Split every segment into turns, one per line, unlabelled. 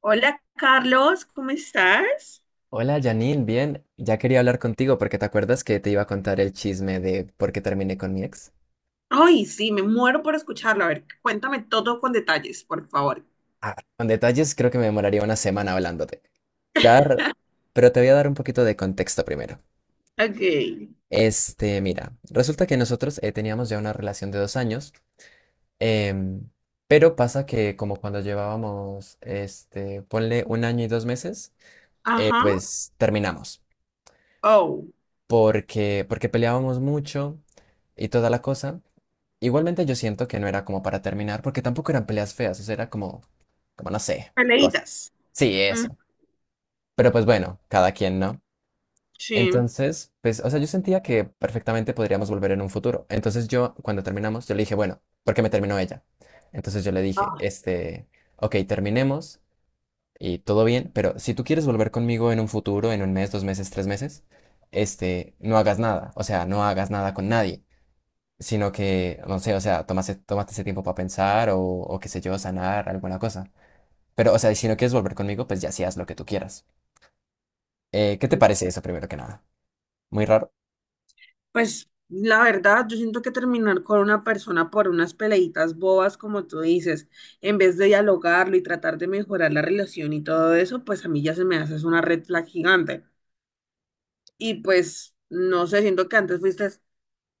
Hola Carlos, ¿cómo estás?
Hola Janine, bien, ya quería hablar contigo porque te acuerdas que te iba a contar el chisme de por qué terminé con mi ex.
Ay, sí, me muero por escucharlo. A ver, cuéntame todo con detalles, por favor.
Ah, con detalles creo que me demoraría una semana hablándote. Dar, pero te voy a dar un poquito de contexto primero.
Ok.
Mira, resulta que nosotros teníamos ya una relación de 2 años, em, pero pasa que como cuando llevábamos, ponle un año y 2 meses,
Ajá.
pues terminamos
Oh,
porque peleábamos mucho y toda la cosa. Igualmente yo siento que no era como para terminar, porque tampoco eran peleas feas, o sea, era como, no sé, cosas.
peleitas.
Sí,
Mm,
eso. Pero pues bueno, cada quien, ¿no?
sí.
Entonces, pues, o sea, yo sentía que perfectamente podríamos volver en un futuro. Entonces yo, cuando terminamos, yo le dije, bueno, ¿por qué me terminó ella? Entonces yo le dije,
Ah,
ok, terminemos y todo bien, pero si tú quieres volver conmigo en un futuro, en un mes, 2 meses, 3 meses, no hagas nada, o sea, no hagas nada con nadie sino que, no sé, o sea, tomaste ese tiempo para pensar o qué sé yo, sanar alguna cosa. Pero, o sea, si no quieres volver conmigo, pues ya sí haz lo que tú quieras. ¿Qué te parece eso primero que nada? Muy raro.
pues la verdad, yo siento que terminar con una persona por unas peleitas bobas, como tú dices, en vez de dialogarlo y tratar de mejorar la relación y todo eso, pues a mí ya se me hace es una red flag gigante. Y pues, no sé, siento que antes fuiste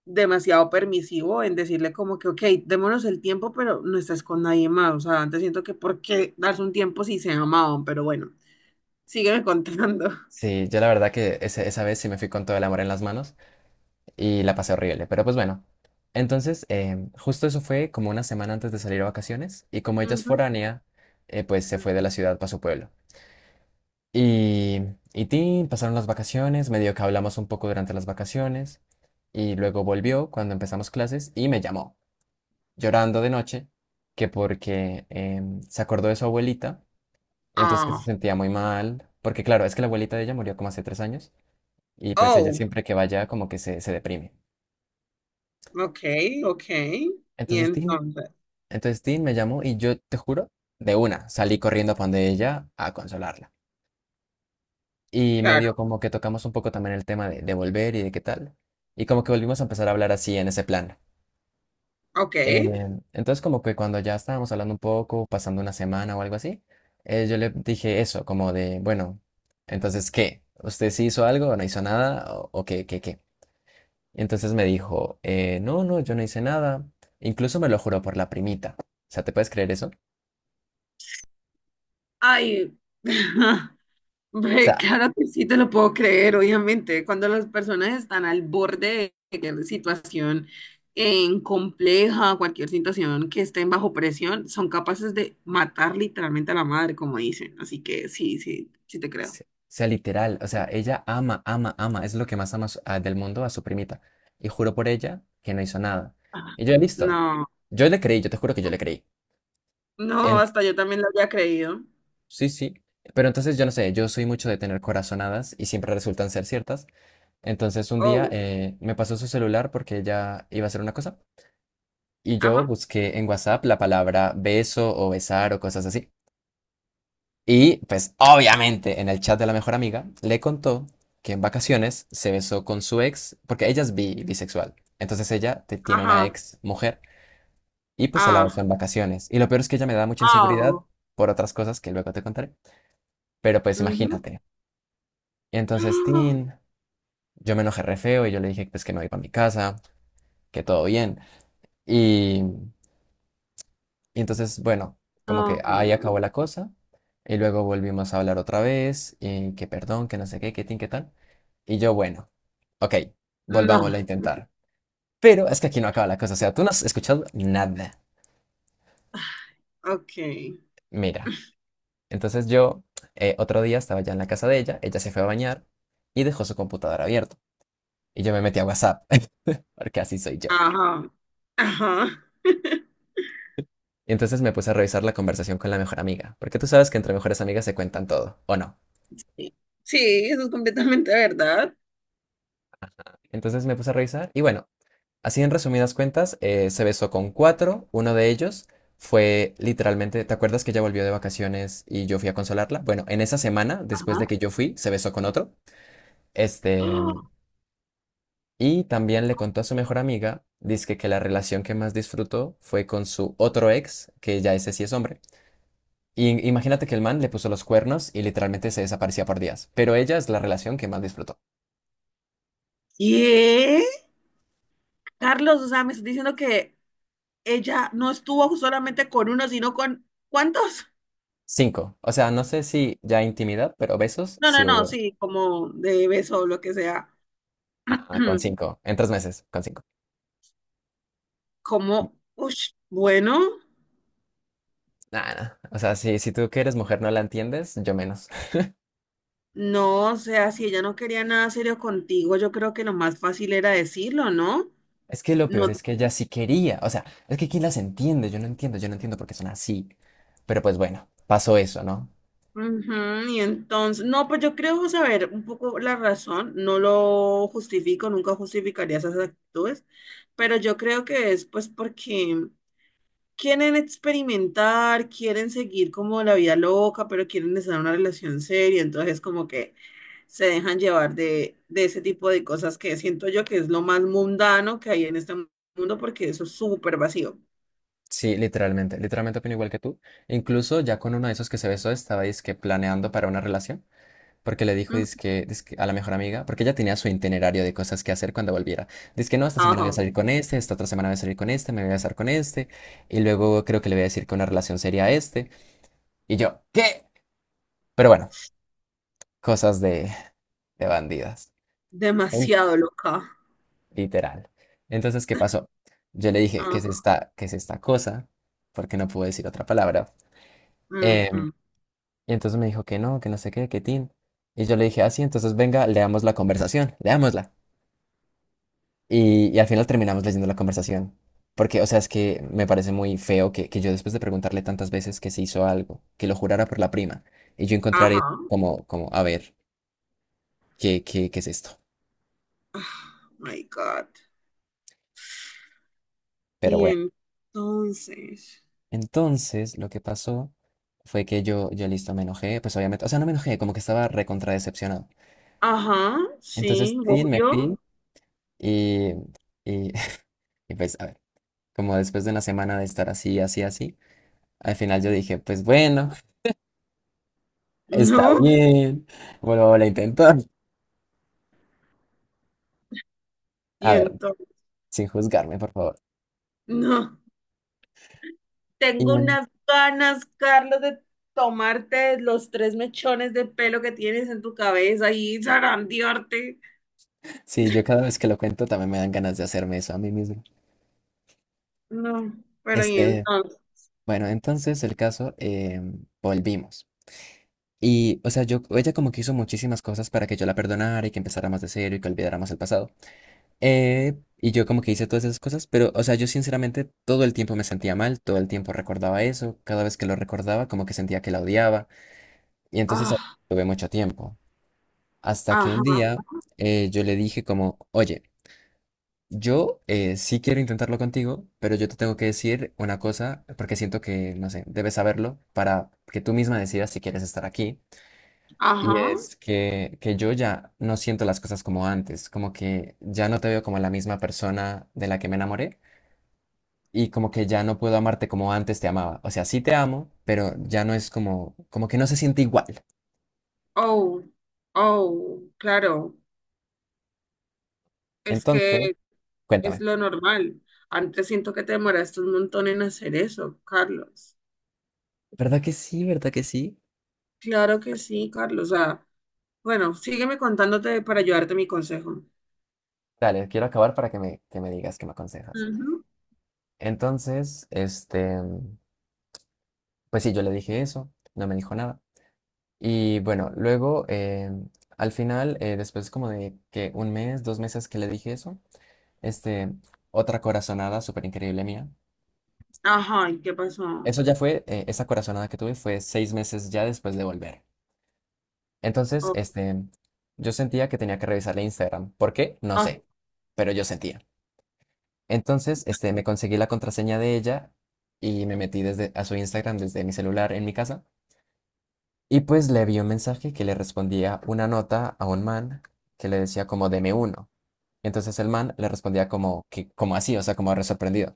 demasiado permisivo en decirle como que, ok, démonos el tiempo, pero no estás con nadie más. O sea, antes siento que por qué darse un tiempo si se amaban, pero bueno, sígueme contando.
Sí, yo la verdad que esa vez sí me fui con todo el amor en las manos y la pasé horrible, pero pues bueno. Entonces, justo eso fue como una semana antes de salir a vacaciones y como ella es
Ujú.
foránea, pues se fue de la ciudad para su pueblo. Y, y tin, pasaron las vacaciones, medio que hablamos un poco durante las vacaciones, y luego volvió cuando empezamos clases y me llamó, llorando de noche, que porque se acordó de su abuelita, y entonces que se
Ah,
sentía muy mal, porque claro, es que la abuelita de ella murió como hace 3 años, y pues ella
oh,
siempre que vaya como que se deprime.
ok, ok. Y
Entonces tin,
entonces,
entonces tin me llamó y yo te juro, de una, salí corriendo a donde ella a consolarla. Y
claro,
medio como que tocamos un poco también el tema de volver y de qué tal. Y como que volvimos a empezar a hablar así en ese plan.
ok.
Entonces como que cuando ya estábamos hablando un poco, pasando una semana o algo así, yo le dije eso, como de, bueno, entonces, ¿qué? ¿Usted sí hizo algo o no hizo nada? ¿O qué? Y entonces me dijo, no, no, yo no hice nada. Incluso me lo juró por la primita. O sea, ¿te puedes creer eso? O
Ay, hombre,
sea,
claro que sí te lo puedo creer, obviamente. Cuando las personas están al borde de cualquier situación en compleja, cualquier situación que estén bajo presión, son capaces de matar literalmente a la madre, como dicen. Así que sí, sí, sí te creo.
o sea, literal, o sea, ella ama, ama, ama, es lo que más ama a del mundo a su primita. Y juro por ella que no hizo nada.
Ajá.
Y yo, listo.
No,
Yo le creí, yo te juro que yo le creí.
no,
En-
hasta yo también lo había creído.
Sí, sí. Pero entonces yo no sé, yo soy mucho de tener corazonadas y siempre resultan ser ciertas. Entonces un día
Oh,
me pasó su celular porque ella iba a hacer una cosa. Y yo
ajá,
busqué en WhatsApp la palabra beso o besar o cosas así. Y pues obviamente en el chat de la mejor amiga le contó que en vacaciones se besó con su ex, porque ella es bisexual. Entonces ella tiene una
ajá,
ex mujer y pues se la besó
ah,
en vacaciones. Y lo peor es que ella me da mucha inseguridad
ah,
por otras cosas que luego te contaré. Pero pues
ujú.
imagínate. Y entonces, tin, yo me enojé re feo y yo le dije pues que me voy para mi casa, que todo bien. Y Y entonces, bueno, como que
Ah,
ahí
no,
acabó la cosa. Y luego volvimos a hablar otra vez, y que perdón, que no sé qué, que tin, que tan. Y yo, bueno, ok,
no,
volvámoslo a intentar. Pero es que aquí no acaba la cosa, o sea, tú no has escuchado nada.
ok,
Mira, entonces yo otro día estaba ya en la casa de ella, ella se fue a bañar y dejó su computadora abierto. Y yo me metí a WhatsApp, porque así soy yo.
ajá, ajá.
Y entonces me puse a revisar la conversación con la mejor amiga, porque tú sabes que entre mejores amigas se cuentan todo, ¿o no?
Sí, eso es completamente verdad.
Entonces me puse a revisar y bueno, así en resumidas cuentas, se besó con cuatro. Uno de ellos fue literalmente, ¿te acuerdas que ella volvió de vacaciones y yo fui a consolarla? Bueno, en esa semana, después de
Ajá.
que yo fui, se besó con otro. Este,
¡Ah!
y también le contó a su mejor amiga, dizque que la relación que más disfrutó fue con su otro ex, que ya ese sí es hombre. Y imagínate que el man le puso los cuernos y literalmente se desaparecía por días. Pero ella es la relación que más disfrutó.
¿Qué? Carlos, o
Sí,
sea,
sí.
me estás diciendo que ella no estuvo solamente con uno, sino con ¿cuántos?
Cinco. O sea, no sé si ya intimidad, pero besos
No, no,
sí
no,
hubo.
sí, como de beso o lo que sea.
Ah, con cinco, en 3 meses, con cinco.
Como, ush, bueno,
Nada, o sea, si tú que eres mujer no la entiendes, yo menos.
no, o sea, si ella no quería nada serio contigo, yo creo que lo más fácil era decirlo, ¿no?
Es que lo peor
No.
es que ella sí quería, o sea, es que ¿quién las entiende? Yo no entiendo por qué son así. Pero pues bueno, pasó eso, ¿no?
Ujú, y entonces, no, pues yo creo saber un poco la razón, no lo justifico, nunca justificaría esas actitudes, pero yo creo que es pues porque quieren experimentar, quieren seguir como la vida loca, pero quieren estar en una relación seria, entonces como que se dejan llevar de ese tipo de cosas que siento yo que es lo más mundano que hay en este mundo porque eso es súper vacío.
Sí, literalmente, literalmente opino igual que tú. Incluso ya con uno de esos que se besó, estaba que planeando para una relación. Porque le dijo,
Ujú,
dizque, dizque a la mejor amiga, porque ella tenía su itinerario de cosas que hacer cuando volviera. Dice que no, esta semana voy a
ajá,
salir con este, esta otra semana voy a salir con este, me voy a besar con este, y luego creo que le voy a decir que una relación sería este. Y yo, ¿qué? Pero bueno, cosas de bandidas, en-
demasiado loca.
literal. Entonces, ¿qué pasó? Yo le dije, ¿qué es
Ajá,
esta, qué es esta cosa? Porque no pude decir otra palabra. Em,
ujú,
y entonces me dijo que no sé qué, que tin. Y yo le dije, así, entonces venga, leamos la conversación, leámosla. Y al final terminamos leyendo la conversación. Porque, o sea, es que me parece muy feo que yo después de preguntarle tantas veces que se hizo algo, que lo jurara por la prima, y yo encontraré
ajá.
a ver, ¿qué es esto?
Oh, my God.
Pero
Y
bueno.
entonces,
Entonces, lo que pasó fue que yo listo, me enojé, pues obviamente, o sea, no me enojé, como que estaba recontra decepcionado.
ajá,
Entonces,
sí,
sí, me
obvio,
fui y, y, y pues, a ver, como después de una semana de estar así, así, así, al final yo dije, pues bueno, está
no,
bien. Vuelvo a intentar. A
y
ver,
entonces,
sin juzgarme, por favor.
no.
Y,
Tengo
mm,
unas ganas, Carlos, de tomarte los tres mechones de pelo que tienes en tu cabeza y zarandearte.
sí, yo cada vez que lo cuento también me dan ganas de hacerme eso a mí mismo.
No, pero y
Este,
entonces,
bueno, entonces el caso, volvimos. Y, o sea, yo, ella como que hizo muchísimas cosas para que yo la perdonara y que empezara más de cero y que olvidáramos el pasado. Y yo como que hice todas esas cosas, pero, o sea, yo sinceramente todo el tiempo me sentía mal, todo el tiempo recordaba eso, cada vez que lo recordaba como que sentía que la odiaba. Y entonces
ah,
tuve mucho tiempo. Hasta que
ajá,
un día yo le dije como, oye, yo sí quiero intentarlo contigo, pero yo te tengo que decir una cosa, porque siento que, no sé, debes saberlo para que tú misma decidas si quieres estar aquí. Y
ajá,
es que yo ya no siento las cosas como antes, como que ya no te veo como la misma persona de la que me enamoré y como que ya no puedo amarte como antes te amaba. O sea, sí te amo, pero ya no es como, como que no se siente igual.
oh, oh, claro, es
Entonces,
que es
cuéntame.
lo normal. Antes siento que te demoraste un montón en hacer eso, Carlos.
¿Verdad que sí? ¿Verdad que sí?
Claro que sí, Carlos. Ah, bueno, sígueme contándote para ayudarte mi consejo.
Dale, quiero acabar para que me digas, que me aconsejas.
Ujú.
Entonces, pues sí, yo le dije eso, no me dijo nada. Y bueno, luego, al final, después como de que un mes, 2 meses que le dije eso, este, otra corazonada súper increíble mía.
Ajá, ¿y qué pasó?
Eso ya fue, esa corazonada que tuve fue 6 meses ya después de volver. Entonces,
Oh,
yo sentía que tenía que revisarle Instagram. ¿Por qué? No
ah,
sé, pero yo sentía. Entonces, me conseguí la contraseña de ella y me metí desde a su Instagram desde mi celular en mi casa. Y pues le vi un mensaje que le respondía una nota a un man que le decía como deme uno. Entonces el man le respondía como que como así, o sea, como re sorprendido.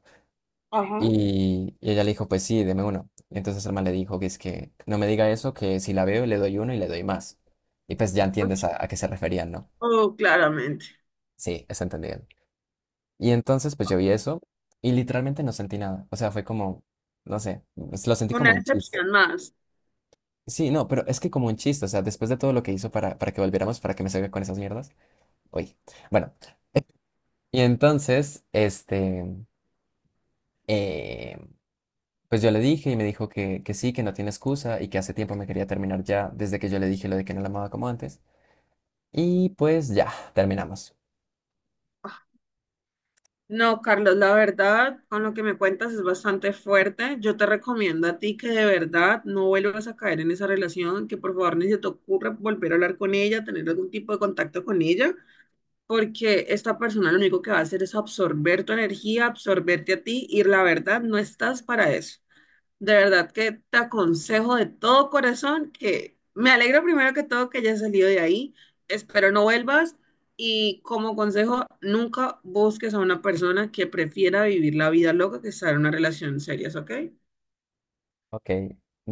ajá.
Y ella le dijo, pues sí, deme uno. Y entonces el man le dijo que es que no me diga eso, que si la veo le doy uno y le doy más. Y pues ya entiendes a qué se referían, ¿no?
Oh, claramente.
Sí, es entendido. Y entonces pues yo vi eso y literalmente no sentí nada. O sea, fue como, no sé, pues, lo sentí
Una
como un chiste.
excepción más.
Sí, no, pero es que como un chiste, o sea, después de todo lo que hizo para que volviéramos, para que me salga con esas mierdas. Uy. Bueno, y entonces, eh, pues yo le dije y me dijo que sí, que no tiene excusa y que hace tiempo me quería terminar ya, desde que yo le dije lo de que no la amaba como antes. Y pues ya, terminamos.
No, Carlos, la verdad, con lo que me cuentas es bastante fuerte. Yo te recomiendo a ti que de verdad no vuelvas a caer en esa relación, que por favor ni se te ocurra volver a hablar con ella, tener algún tipo de contacto con ella, porque esta persona lo único que va a hacer es absorber tu energía, absorberte a ti, y la verdad no estás para eso. De verdad que te aconsejo de todo corazón. Que me alegro primero que todo que hayas salido de ahí, espero no vuelvas, y como consejo nunca busques a una persona que prefiera vivir la vida loca que estar en una relación seria, ¿ok?
Ok,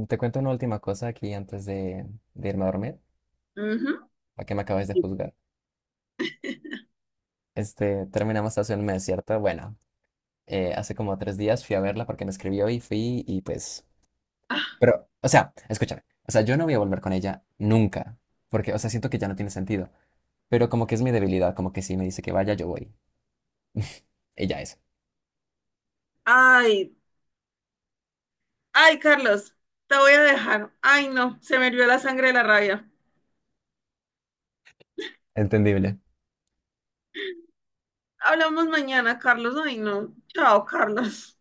te cuento una última cosa aquí antes de irme a dormir,
Ujú.
para que me acabes de juzgar. Terminamos hace un mes, ¿cierto? Bueno, hace como 3 días fui a verla porque me escribió y fui y pues...
Ah,
Pero, o sea, escúchame, o sea, yo no voy a volver con ella nunca, porque, o sea, siento que ya no tiene sentido. Pero como que es mi debilidad, como que si me dice que vaya, yo voy. Ella es.
ay, ay, Carlos, te voy a dejar. Ay, no, se me hirvió la sangre de la rabia.
Entendible.
Hablamos mañana, Carlos. Ay, no. Chao, Carlos.